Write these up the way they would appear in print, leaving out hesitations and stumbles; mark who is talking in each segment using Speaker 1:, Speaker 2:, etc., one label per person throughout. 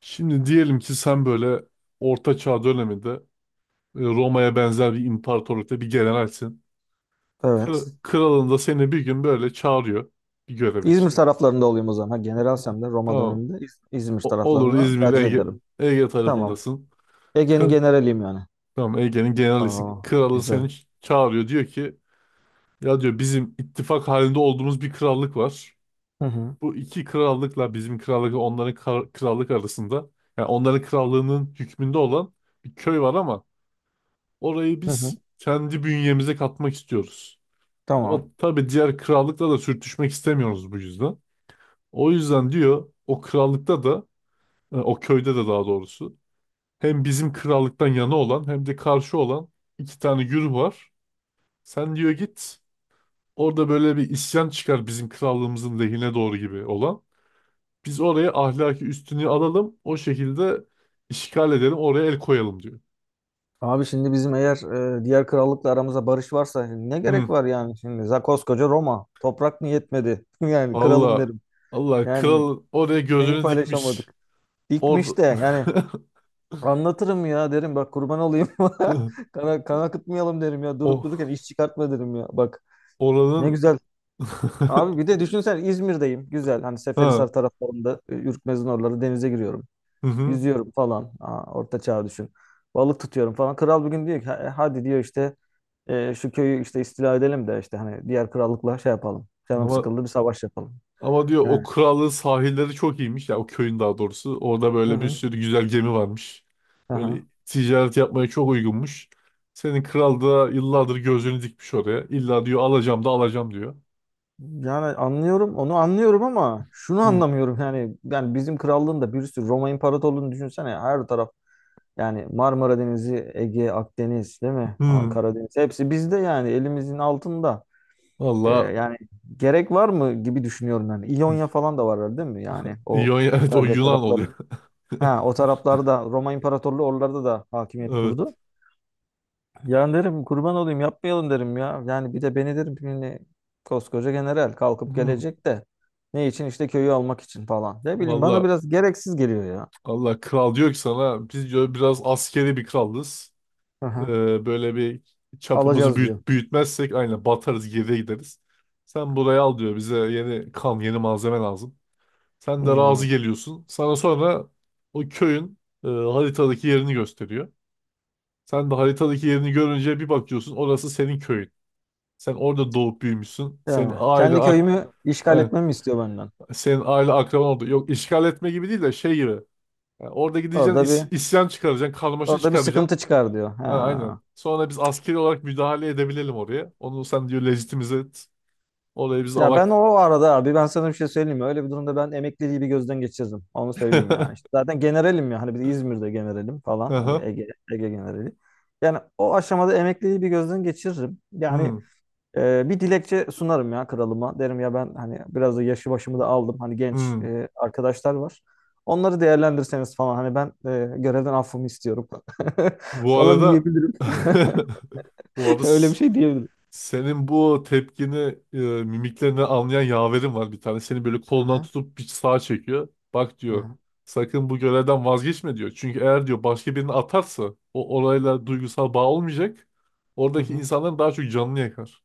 Speaker 1: Şimdi diyelim ki sen böyle Orta Çağ döneminde Roma'ya benzer bir imparatorlukta bir generalsin.
Speaker 2: Evet.
Speaker 1: Kralın da seni bir gün böyle çağırıyor bir görev
Speaker 2: İzmir
Speaker 1: için.
Speaker 2: taraflarında olayım o zaman. Ha, generalsem de Roma
Speaker 1: Tamam.
Speaker 2: döneminde İzmir
Speaker 1: Olur,
Speaker 2: taraflarını
Speaker 1: İzmir,
Speaker 2: tercih
Speaker 1: Ege,
Speaker 2: ederim.
Speaker 1: Ege
Speaker 2: Tamam.
Speaker 1: tarafındasın.
Speaker 2: Ege'nin
Speaker 1: Kı-
Speaker 2: generaliyim yani.
Speaker 1: tamam, Ege'nin generalisin.
Speaker 2: Aa,
Speaker 1: Kralın seni
Speaker 2: güzel.
Speaker 1: çağırıyor. Diyor ki ya diyor bizim ittifak halinde olduğumuz bir krallık var.
Speaker 2: Hı hı.
Speaker 1: Bu iki krallıkla bizim krallık onların krallık arasında, yani onların krallığının hükmünde olan bir köy var, ama orayı
Speaker 2: Hı hı.
Speaker 1: biz kendi bünyemize katmak istiyoruz. Ama
Speaker 2: Tamam.
Speaker 1: tabii diğer krallıkla da sürtüşmek istemiyoruz bu yüzden. O yüzden diyor o krallıkta da o köyde de daha doğrusu hem bizim krallıktan yana olan hem de karşı olan iki tane güruh var. Sen diyor git, orada böyle bir isyan çıkar bizim krallığımızın lehine doğru gibi olan. Biz oraya ahlaki üstünlüğü alalım, o şekilde işgal edelim, oraya el koyalım diyor.
Speaker 2: Abi şimdi bizim eğer diğer krallıkla aramızda barış varsa ne
Speaker 1: Hı,
Speaker 2: gerek var yani şimdi? Koskoca Roma. Toprak mı yetmedi? Yani kralım
Speaker 1: valla
Speaker 2: derim.
Speaker 1: Allah
Speaker 2: Yani
Speaker 1: kral oraya
Speaker 2: neyi
Speaker 1: gözünü dikmiş.
Speaker 2: paylaşamadık?
Speaker 1: Orada
Speaker 2: Dikmiş de yani anlatırım ya derim bak kurban olayım. Kan akıtmayalım derim ya durup
Speaker 1: o
Speaker 2: dururken iş çıkartma derim ya bak. Ne
Speaker 1: oranın
Speaker 2: güzel. Abi bir de düşünsen İzmir'deyim. Güzel. Hani
Speaker 1: ha,
Speaker 2: Seferihisar taraflarında Ürkmez'in oraları denize giriyorum.
Speaker 1: hı hı.
Speaker 2: Yüzüyorum falan. Aa, orta çağ düşün. Balık tutuyorum falan. Kral bir gün diyor ki hadi diyor işte şu köyü işte istila edelim de işte hani diğer krallıkla şey yapalım. Canım
Speaker 1: Ama
Speaker 2: sıkıldı bir savaş yapalım.
Speaker 1: ama diyor o
Speaker 2: Yani.
Speaker 1: krallığın sahilleri çok iyiymiş ya, o köyün daha doğrusu. Orada
Speaker 2: Hı
Speaker 1: böyle bir
Speaker 2: hı.
Speaker 1: sürü güzel gemi varmış.
Speaker 2: Aha.
Speaker 1: Böyle ticaret yapmaya çok uygunmuş. Senin kral da yıllardır gözünü dikmiş oraya. İlla diyor alacağım da alacağım diyor.
Speaker 2: Yani anlıyorum onu anlıyorum ama şunu
Speaker 1: Hı
Speaker 2: anlamıyorum yani bizim krallığın da bir sürü Roma İmparatorluğu'nu düşünsene her taraf. Yani Marmara Denizi, Ege, Akdeniz değil mi? Aa,
Speaker 1: hı.
Speaker 2: Karadeniz hepsi bizde yani elimizin altında. Ee,
Speaker 1: Valla
Speaker 2: yani gerek var mı gibi düşünüyorum yani. İonya falan da var değil mi? Yani o
Speaker 1: Evet, o
Speaker 2: İtalya
Speaker 1: Yunan
Speaker 2: tarafları.
Speaker 1: oluyor.
Speaker 2: Ha, o taraflarda Roma İmparatorluğu oralarda da hakimiyet kurdu.
Speaker 1: Evet.
Speaker 2: Yani derim kurban olayım yapmayalım derim ya. Yani bir de beni derim yani koskoca general kalkıp
Speaker 1: Hı.
Speaker 2: gelecek de ne için işte köyü almak için falan. Ne bileyim bana
Speaker 1: Valla
Speaker 2: biraz gereksiz geliyor ya.
Speaker 1: Allah kral diyor ki sana, biz diyor biraz askeri bir krallız.
Speaker 2: Hı hı.
Speaker 1: Böyle bir çapımızı
Speaker 2: Alacağız diyor.
Speaker 1: büyütmezsek aynen batarız, geriye gideriz. Sen burayı al diyor, bize yeni kan, yeni malzeme lazım. Sen de
Speaker 2: Hmm.
Speaker 1: razı geliyorsun. Sana sonra o köyün haritadaki yerini gösteriyor. Sen de haritadaki yerini görünce bir bakıyorsun orası senin köyün. Sen orada doğup büyümüşsün. Senin
Speaker 2: Ya,
Speaker 1: aile
Speaker 2: kendi
Speaker 1: ak
Speaker 2: köyümü işgal
Speaker 1: aynen,
Speaker 2: etmemi istiyor benden.
Speaker 1: senin aile akraban oldu. Yok işgal etme gibi değil de şey gibi. Yani orada gideceksin,
Speaker 2: Orada bir
Speaker 1: isyan çıkaracaksın, karmaşa
Speaker 2: orada bir sıkıntı
Speaker 1: çıkaracaksın.
Speaker 2: çıkar diyor.
Speaker 1: Ha, aynen.
Speaker 2: Ha.
Speaker 1: Sonra biz askeri olarak müdahale edebilelim oraya. Onu sen diyor legitimize et. Oraya biz
Speaker 2: Ya ben
Speaker 1: alak.
Speaker 2: o arada abi ben sana bir şey söyleyeyim mi? Öyle bir durumda ben emekliliği bir gözden geçirdim. Onu söyleyeyim yani. İşte zaten generalim ya. Hani biz İzmir'de generalim falan. Hani
Speaker 1: Aha.
Speaker 2: Ege generali. Yani o aşamada emekliliği bir gözden geçiririm. Yani
Speaker 1: Hmm,
Speaker 2: Bir dilekçe sunarım ya kralıma. Derim ya ben hani biraz da yaşı başımı da aldım. Hani genç
Speaker 1: hmm.
Speaker 2: arkadaşlar var. Onları değerlendirseniz falan hani ben görevden affımı istiyorum
Speaker 1: Bu
Speaker 2: falan
Speaker 1: arada
Speaker 2: diyebilirim.
Speaker 1: bu arada
Speaker 2: Öyle bir şey diyebilirim.
Speaker 1: senin bu tepkini e, mimiklerini anlayan yaverim var bir tane. Seni böyle
Speaker 2: Hı
Speaker 1: kolundan
Speaker 2: hı,
Speaker 1: tutup bir sağa çekiyor. Bak
Speaker 2: hı
Speaker 1: diyor.
Speaker 2: hı.
Speaker 1: Sakın bu görevden vazgeçme diyor. Çünkü eğer diyor başka birini atarsa o orayla duygusal bağ olmayacak. Oradaki insanların daha çok canını yakar.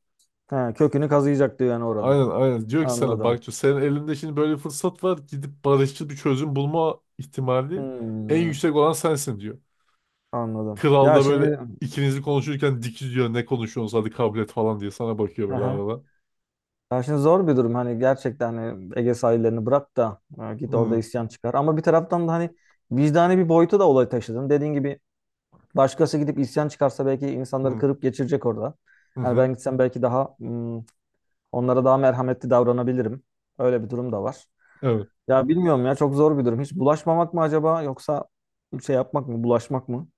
Speaker 2: Ha, kökünü kazıyacak diyor yani oranın.
Speaker 1: Aynen aynen. Diyor ki sana
Speaker 2: Anladım.
Speaker 1: bak diyor, senin elinde şimdi böyle bir fırsat var. Gidip barışçıl bir çözüm bulma ihtimali en
Speaker 2: Hmm,
Speaker 1: yüksek olan sensin diyor.
Speaker 2: anladım.
Speaker 1: Kral
Speaker 2: Ya
Speaker 1: da böyle
Speaker 2: şimdi
Speaker 1: ikinizi konuşurken dikiz diyor, ne konuşuyorsunuz, hadi kabul et falan diye sana bakıyor böyle
Speaker 2: Hı.
Speaker 1: arada.
Speaker 2: Ya şimdi zor bir durum hani gerçekten hani Ege sahillerini bırak da git orada
Speaker 1: Hı
Speaker 2: isyan çıkar. Ama bir taraftan da hani vicdani bir boyutu da olay taşıdın. Dediğin gibi, başkası gidip isyan çıkarsa belki insanları
Speaker 1: hı,
Speaker 2: kırıp geçirecek orada.
Speaker 1: hı
Speaker 2: Yani ben
Speaker 1: hı.
Speaker 2: gitsem belki daha onlara daha merhametli davranabilirim. Öyle bir durum da var.
Speaker 1: Evet.
Speaker 2: Ya bilmiyorum ya çok zor bir durum. Hiç bulaşmamak mı acaba yoksa şey yapmak mı, bulaşmak mı?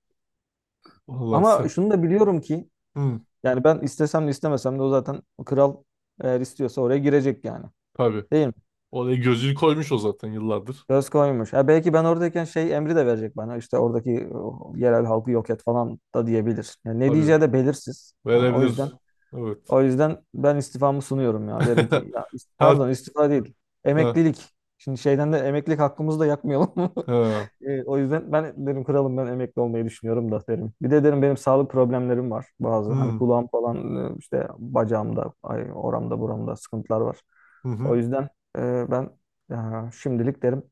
Speaker 1: Vallahi
Speaker 2: Ama
Speaker 1: sen.
Speaker 2: şunu da biliyorum ki
Speaker 1: Hı,
Speaker 2: yani ben istesem de istemesem de o zaten o kral eğer istiyorsa oraya girecek yani.
Speaker 1: tabii.
Speaker 2: Değil mi?
Speaker 1: Oraya gözünü koymuş o zaten yıllardır.
Speaker 2: Göz koymuş. Ya belki ben oradayken şey emri de verecek bana. İşte oradaki yerel halkı yok et falan da diyebilir. Yani ne
Speaker 1: Tabii.
Speaker 2: diyeceği de belirsiz. Yani o yüzden
Speaker 1: Verebilir. Evet.
Speaker 2: Ben istifamı sunuyorum ya. Derim ki ya
Speaker 1: Her
Speaker 2: pardon istifa değil.
Speaker 1: ha,
Speaker 2: Emeklilik. Şimdi şeyden de emeklilik hakkımızı da yakmayalım.
Speaker 1: ha.
Speaker 2: O yüzden ben derim kralım ben emekli olmayı düşünüyorum da derim. Bir de derim benim sağlık problemlerim var bazı. Hani
Speaker 1: Hı
Speaker 2: kulağım falan işte bacağımda, ay, oramda buramda sıkıntılar var.
Speaker 1: hı,
Speaker 2: O
Speaker 1: hı.
Speaker 2: yüzden ben şimdilik derim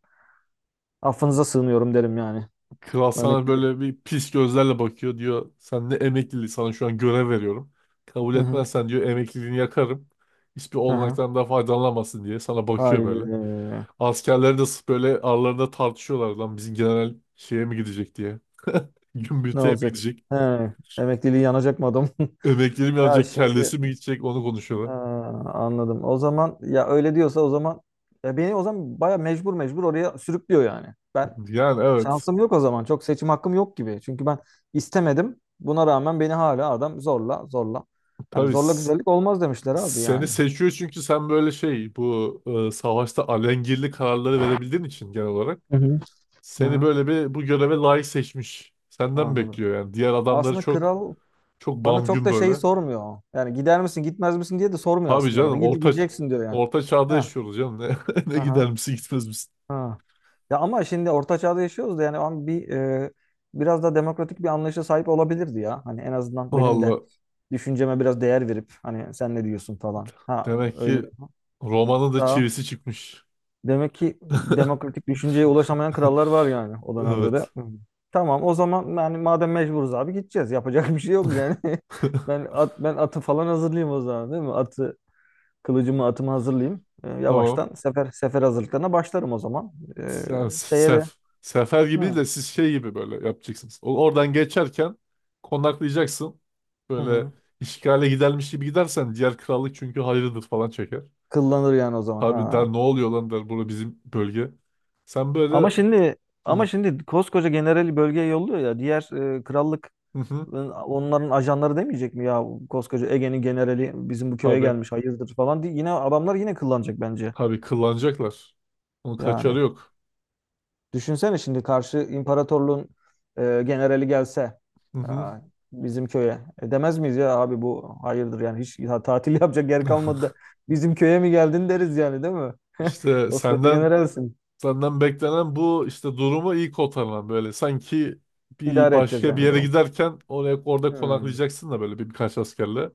Speaker 2: affınıza sığınıyorum derim yani.
Speaker 1: Kral
Speaker 2: Bu
Speaker 1: sana
Speaker 2: emeklilik.
Speaker 1: böyle bir pis gözlerle bakıyor diyor. Sen ne emekliliği, sana şu an görev veriyorum. Kabul
Speaker 2: Hı hı.
Speaker 1: etmezsen diyor emekliliğini yakarım. Hiçbir
Speaker 2: Hı hı.
Speaker 1: olanaktan da faydalanamazsın diye sana bakıyor böyle.
Speaker 2: Haydi.
Speaker 1: Askerler de sırf böyle aralarında tartışıyorlar, lan bizim general şeye mi gidecek diye.
Speaker 2: Ne
Speaker 1: Gümbürtüye mi
Speaker 2: olacak?
Speaker 1: gidecek?
Speaker 2: He, emekliliği yanacak mı adam?
Speaker 1: Emekliliği mi
Speaker 2: Ya
Speaker 1: alacak,
Speaker 2: şimdi
Speaker 1: kellesi mi gidecek onu
Speaker 2: Ha,
Speaker 1: konuşuyorlar.
Speaker 2: anladım. O zaman ya öyle diyorsa o zaman ya beni o zaman baya mecbur mecbur oraya sürüklüyor yani. Ben
Speaker 1: Yani evet.
Speaker 2: şansım yok o zaman. Çok seçim hakkım yok gibi. Çünkü ben istemedim. Buna rağmen beni hala adam zorla zorla. Yani
Speaker 1: Tabii,
Speaker 2: zorla güzellik olmaz demişler abi
Speaker 1: seni
Speaker 2: yani.
Speaker 1: seçiyor çünkü sen böyle şey bu savaşta alengirli kararları verebildiğin için genel olarak.
Speaker 2: Hı hı. Hı
Speaker 1: Seni
Speaker 2: hı.
Speaker 1: böyle bir bu göreve layık seçmiş. Senden
Speaker 2: Anladım.
Speaker 1: bekliyor yani. Diğer adamları
Speaker 2: Aslında
Speaker 1: çok
Speaker 2: kral
Speaker 1: çok
Speaker 2: bana çok
Speaker 1: bamgün
Speaker 2: da şeyi
Speaker 1: böyle.
Speaker 2: sormuyor. Yani gider misin gitmez misin diye de sormuyor
Speaker 1: Tabii
Speaker 2: aslında bana.
Speaker 1: canım,
Speaker 2: Gideceksin diyor yani.
Speaker 1: orta çağda
Speaker 2: Ha.
Speaker 1: yaşıyoruz canım. Ne, ne
Speaker 2: Aha.
Speaker 1: gider misin gitmez misin?
Speaker 2: Ha. Ya ama şimdi orta çağda yaşıyoruz da yani ama biraz da demokratik bir anlayışa sahip olabilirdi ya. Hani en azından benim de
Speaker 1: Valla
Speaker 2: düşünceme biraz değer verip hani sen ne diyorsun falan. Ha
Speaker 1: demek
Speaker 2: öyle
Speaker 1: ki
Speaker 2: mi?
Speaker 1: Roma'nın da
Speaker 2: Daha
Speaker 1: çivisi çıkmış.
Speaker 2: Demek ki demokratik düşünceye ulaşamayan krallar var yani o dönemde de.
Speaker 1: Evet.
Speaker 2: Hı. Tamam o zaman yani madem mecburuz abi gideceğiz. Yapacak bir şey yok yani. Ben atı falan hazırlayayım o zaman değil mi? Atı kılıcımı atımı hazırlayayım.
Speaker 1: Tamam.
Speaker 2: Yavaştan sefer hazırlıklarına başlarım o zaman. E,
Speaker 1: Yani
Speaker 2: Şeye de.
Speaker 1: sef. Sefer gibi
Speaker 2: Hı.
Speaker 1: değil de siz şey gibi böyle yapacaksınız. Oradan geçerken konaklayacaksın.
Speaker 2: Hı
Speaker 1: Böyle
Speaker 2: hı.
Speaker 1: işgale gidermiş gibi gidersen diğer krallık çünkü hayırdır falan çeker.
Speaker 2: Kıllanır yani o zaman.
Speaker 1: Abi der
Speaker 2: Ha.
Speaker 1: ne oluyor lan der, burada bizim bölge. Sen
Speaker 2: Ama
Speaker 1: böyle
Speaker 2: şimdi ama
Speaker 1: hı
Speaker 2: şimdi koskoca generali bölgeye yolluyor ya. Diğer krallık
Speaker 1: hı, hı
Speaker 2: onların ajanları demeyecek mi ya koskoca Ege'nin generali bizim bu köye
Speaker 1: abi,
Speaker 2: gelmiş hayırdır falan diye yine adamlar yine kıllanacak bence.
Speaker 1: abi kıllanacaklar. Onun kaçarı
Speaker 2: Yani
Speaker 1: yok.
Speaker 2: düşünsene şimdi karşı imparatorluğun generali gelse
Speaker 1: Hı hı.
Speaker 2: ya, bizim köye demez miyiz ya abi bu hayırdır yani hiç ya, tatil yapacak yer kalmadı da bizim köye mi geldin deriz yani değil mi?
Speaker 1: İşte
Speaker 2: Koskoca
Speaker 1: senden,
Speaker 2: generalsin.
Speaker 1: senden beklenen bu işte, durumu iyi kotarman böyle sanki bir
Speaker 2: İdare edeceğiz
Speaker 1: başka bir
Speaker 2: yani
Speaker 1: yere
Speaker 2: durumu.
Speaker 1: giderken oraya orada
Speaker 2: Hmm.
Speaker 1: konaklayacaksın da böyle bir, birkaç askerle.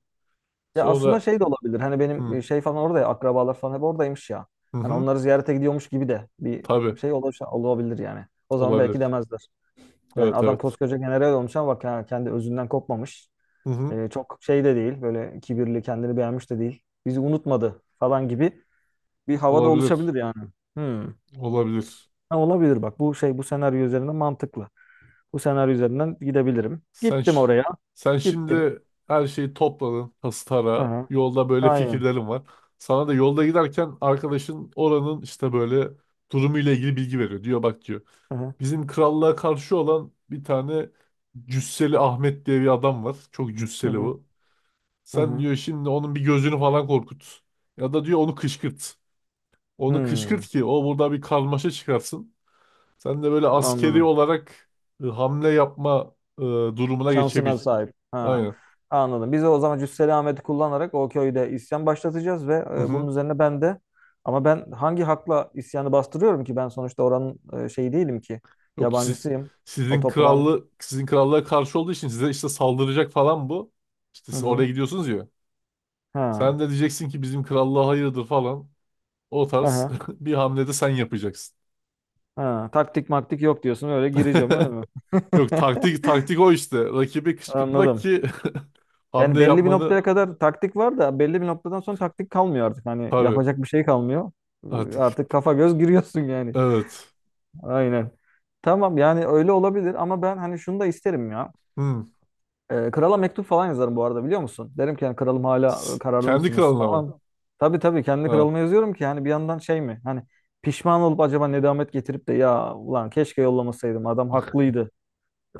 Speaker 2: Ya aslında
Speaker 1: Sonra
Speaker 2: şey de olabilir. Hani
Speaker 1: hı
Speaker 2: benim şey falan orada ya akrabalar falan hep oradaymış ya.
Speaker 1: hı,
Speaker 2: Hani
Speaker 1: hı
Speaker 2: onları ziyarete gidiyormuş gibi de bir
Speaker 1: tabii
Speaker 2: şey olabilir, olabilir yani. O zaman belki
Speaker 1: olabilir.
Speaker 2: demezler. Yani
Speaker 1: Evet
Speaker 2: adam
Speaker 1: evet.
Speaker 2: koskoca general olmuş ama bak ya, kendi özünden kopmamış.
Speaker 1: Hı hı
Speaker 2: Çok şey de değil. Böyle kibirli, kendini beğenmiş de değil. Bizi unutmadı falan gibi bir hava da
Speaker 1: olabilir.
Speaker 2: oluşabilir yani. Hmm.
Speaker 1: Olabilir.
Speaker 2: Ha, olabilir bak. Bu senaryo üzerinden mantıklı. Bu senaryo üzerinden gidebilirim.
Speaker 1: Sen
Speaker 2: Gittim
Speaker 1: ş-
Speaker 2: oraya.
Speaker 1: Sen
Speaker 2: Gittim.
Speaker 1: şimdi her şeyi topladın hastara.
Speaker 2: Aha.
Speaker 1: Yolda böyle
Speaker 2: Aynen.
Speaker 1: fikirlerin var. Sana da yolda giderken arkadaşın oranın işte böyle durumuyla ilgili bilgi veriyor. Diyor bak diyor.
Speaker 2: Aha.
Speaker 1: Bizim krallığa karşı olan bir tane Cüsseli Ahmet diye bir adam var. Çok
Speaker 2: Hı
Speaker 1: cüsseli
Speaker 2: hı.
Speaker 1: bu.
Speaker 2: Hı
Speaker 1: Sen
Speaker 2: hı.
Speaker 1: diyor şimdi onun bir gözünü falan korkut. Ya da diyor onu kışkırt. Onu kışkırt
Speaker 2: Hmm.
Speaker 1: ki o burada bir karmaşa çıkarsın. Sen de böyle askeri
Speaker 2: Anladım.
Speaker 1: olarak hamle yapma durumuna geçebil.
Speaker 2: Şansına sahip. Ha,
Speaker 1: Aynen.
Speaker 2: anladım. Biz de o zaman Cüsseli Ahmet'i kullanarak o köyde isyan başlatacağız ve
Speaker 1: Hı
Speaker 2: bunun
Speaker 1: hı.
Speaker 2: üzerine ben de ama ben hangi hakla isyanı bastırıyorum ki? Ben sonuçta oranın şeyi değilim ki.
Speaker 1: Yok siz
Speaker 2: Yabancısıyım. O toprağın.
Speaker 1: sizin krallığa karşı olduğu için size işte saldıracak falan bu. İşte
Speaker 2: Hı
Speaker 1: siz oraya
Speaker 2: hı.
Speaker 1: gidiyorsunuz ya. Sen
Speaker 2: Ha.
Speaker 1: de diyeceksin ki bizim krallığa hayırdır falan. O
Speaker 2: Hı
Speaker 1: tarz
Speaker 2: hı.
Speaker 1: bir hamlede sen yapacaksın.
Speaker 2: Ha. Taktik maktik yok diyorsun. Öyle gireceğim öyle mi?
Speaker 1: Yok taktik, taktik o işte. Rakibi kışkırtmak
Speaker 2: Anladım.
Speaker 1: ki
Speaker 2: Yani
Speaker 1: hamle
Speaker 2: belli bir
Speaker 1: yapmanı
Speaker 2: noktaya kadar taktik var da belli bir noktadan sonra taktik kalmıyor artık. Hani
Speaker 1: tabii
Speaker 2: yapacak bir şey kalmıyor. Ee,
Speaker 1: artık
Speaker 2: Artık kafa göz giriyorsun yani.
Speaker 1: evet.
Speaker 2: Aynen. Tamam yani öyle olabilir ama ben hani şunu da isterim ya.
Speaker 1: Hı.
Speaker 2: Krala mektup falan yazarım bu arada biliyor musun? Derim ki yani kralım hala kararlı
Speaker 1: Kendi
Speaker 2: mısınız
Speaker 1: kralına mı?
Speaker 2: falan. Tabii tabii kendi
Speaker 1: Ha.
Speaker 2: kralıma yazıyorum ki hani bir yandan şey mi? Hani pişman olup acaba nedamet getirip de ya ulan keşke yollamasaydım adam haklıydı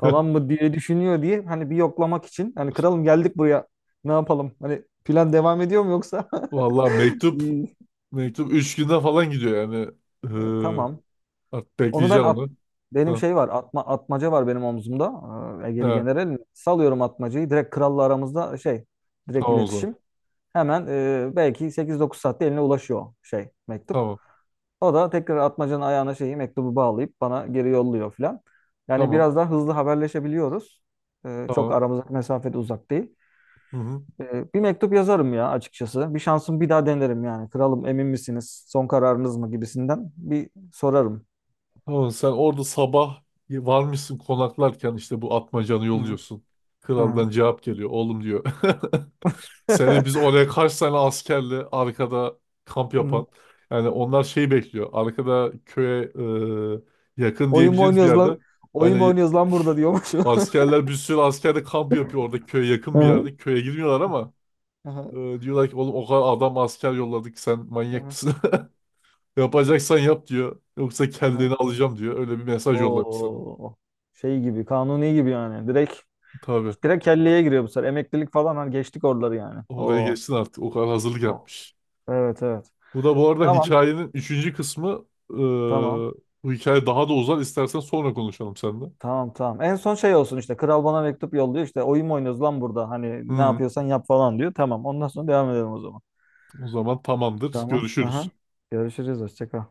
Speaker 2: falan mı diye düşünüyor diye hani bir yoklamak için. Hani kralım geldik buraya ne yapalım? Hani plan devam ediyor mu yoksa?
Speaker 1: Vallahi mektup
Speaker 2: İyi.
Speaker 1: mektup 3 günde falan gidiyor yani.
Speaker 2: Ee,
Speaker 1: Ee,
Speaker 2: tamam.
Speaker 1: artık
Speaker 2: Onu ben
Speaker 1: bekleyeceğim
Speaker 2: at,
Speaker 1: onu.
Speaker 2: Benim
Speaker 1: Ha.
Speaker 2: şey var, atmaca var benim omzumda. Egeli
Speaker 1: Ha.
Speaker 2: General. Salıyorum atmacayı. Direkt kralla aramızda şey, direkt
Speaker 1: Tamam o zaman.
Speaker 2: iletişim. Hemen belki 8-9 saatte eline ulaşıyor şey mektup.
Speaker 1: Tamam.
Speaker 2: O da tekrar atmacanın ayağına şeyi mektubu bağlayıp bana geri yolluyor filan. Yani
Speaker 1: Tamam.
Speaker 2: biraz daha hızlı haberleşebiliyoruz. Çok
Speaker 1: Tamam.
Speaker 2: aramızdaki mesafede uzak değil.
Speaker 1: Hı hı.
Speaker 2: Bir mektup yazarım ya açıkçası. Bir şansım bir daha denerim yani. Kralım emin misiniz? Son kararınız mı gibisinden bir sorarım.
Speaker 1: Tamam, sen orada sabah varmışsın, konaklarken işte bu atmacanı
Speaker 2: Hı hı.
Speaker 1: yolluyorsun.
Speaker 2: Hı hı.
Speaker 1: Kraldan cevap geliyor. Oğlum diyor. Seni biz oraya kaç tane askerle arkada kamp
Speaker 2: Hı.
Speaker 1: yapan. Yani onlar şey bekliyor. Arkada köye yakın
Speaker 2: Oyun mu
Speaker 1: diyebileceğiniz bir
Speaker 2: oynuyoruz lan?
Speaker 1: yerde.
Speaker 2: Oyun mu
Speaker 1: Hani
Speaker 2: oynuyoruz lan burada diyormuş.
Speaker 1: askerler, bir sürü asker de kamp yapıyor orada köye
Speaker 2: Hı
Speaker 1: yakın bir
Speaker 2: hı.
Speaker 1: yerde. Köye girmiyorlar ama
Speaker 2: Aha,
Speaker 1: e, diyorlar ki oğlum o kadar adam, asker yolladık, sen manyak
Speaker 2: aha,
Speaker 1: mısın? Yapacaksan yap diyor. Yoksa
Speaker 2: aha.
Speaker 1: kendini alacağım diyor. Öyle bir mesaj yollamış sana.
Speaker 2: Oo. Şey gibi, kanuni gibi yani. Direkt
Speaker 1: Tabii.
Speaker 2: direkt kelleye giriyor bu sefer. Emeklilik falan hani geçtik oraları yani.
Speaker 1: Oraya
Speaker 2: Oo.
Speaker 1: geçsin artık. O kadar hazırlık
Speaker 2: Oo.
Speaker 1: yapmış.
Speaker 2: Evet, evet.
Speaker 1: Bu da bu arada
Speaker 2: Tamam,
Speaker 1: hikayenin 3. kısmı. Ee,
Speaker 2: tamam.
Speaker 1: bu hikaye daha da uzar. İstersen sonra konuşalım seninle.
Speaker 2: Tamam, tamam. En son şey olsun işte. Kral bana mektup yolluyor. İşte oyun mu oynuyoruz lan burada? Hani ne
Speaker 1: Hı,
Speaker 2: yapıyorsan yap falan diyor. Tamam. Ondan sonra devam edelim o zaman.
Speaker 1: o zaman tamamdır.
Speaker 2: Tamam. Aha.
Speaker 1: Görüşürüz.
Speaker 2: Görüşürüz. Hoşça kal.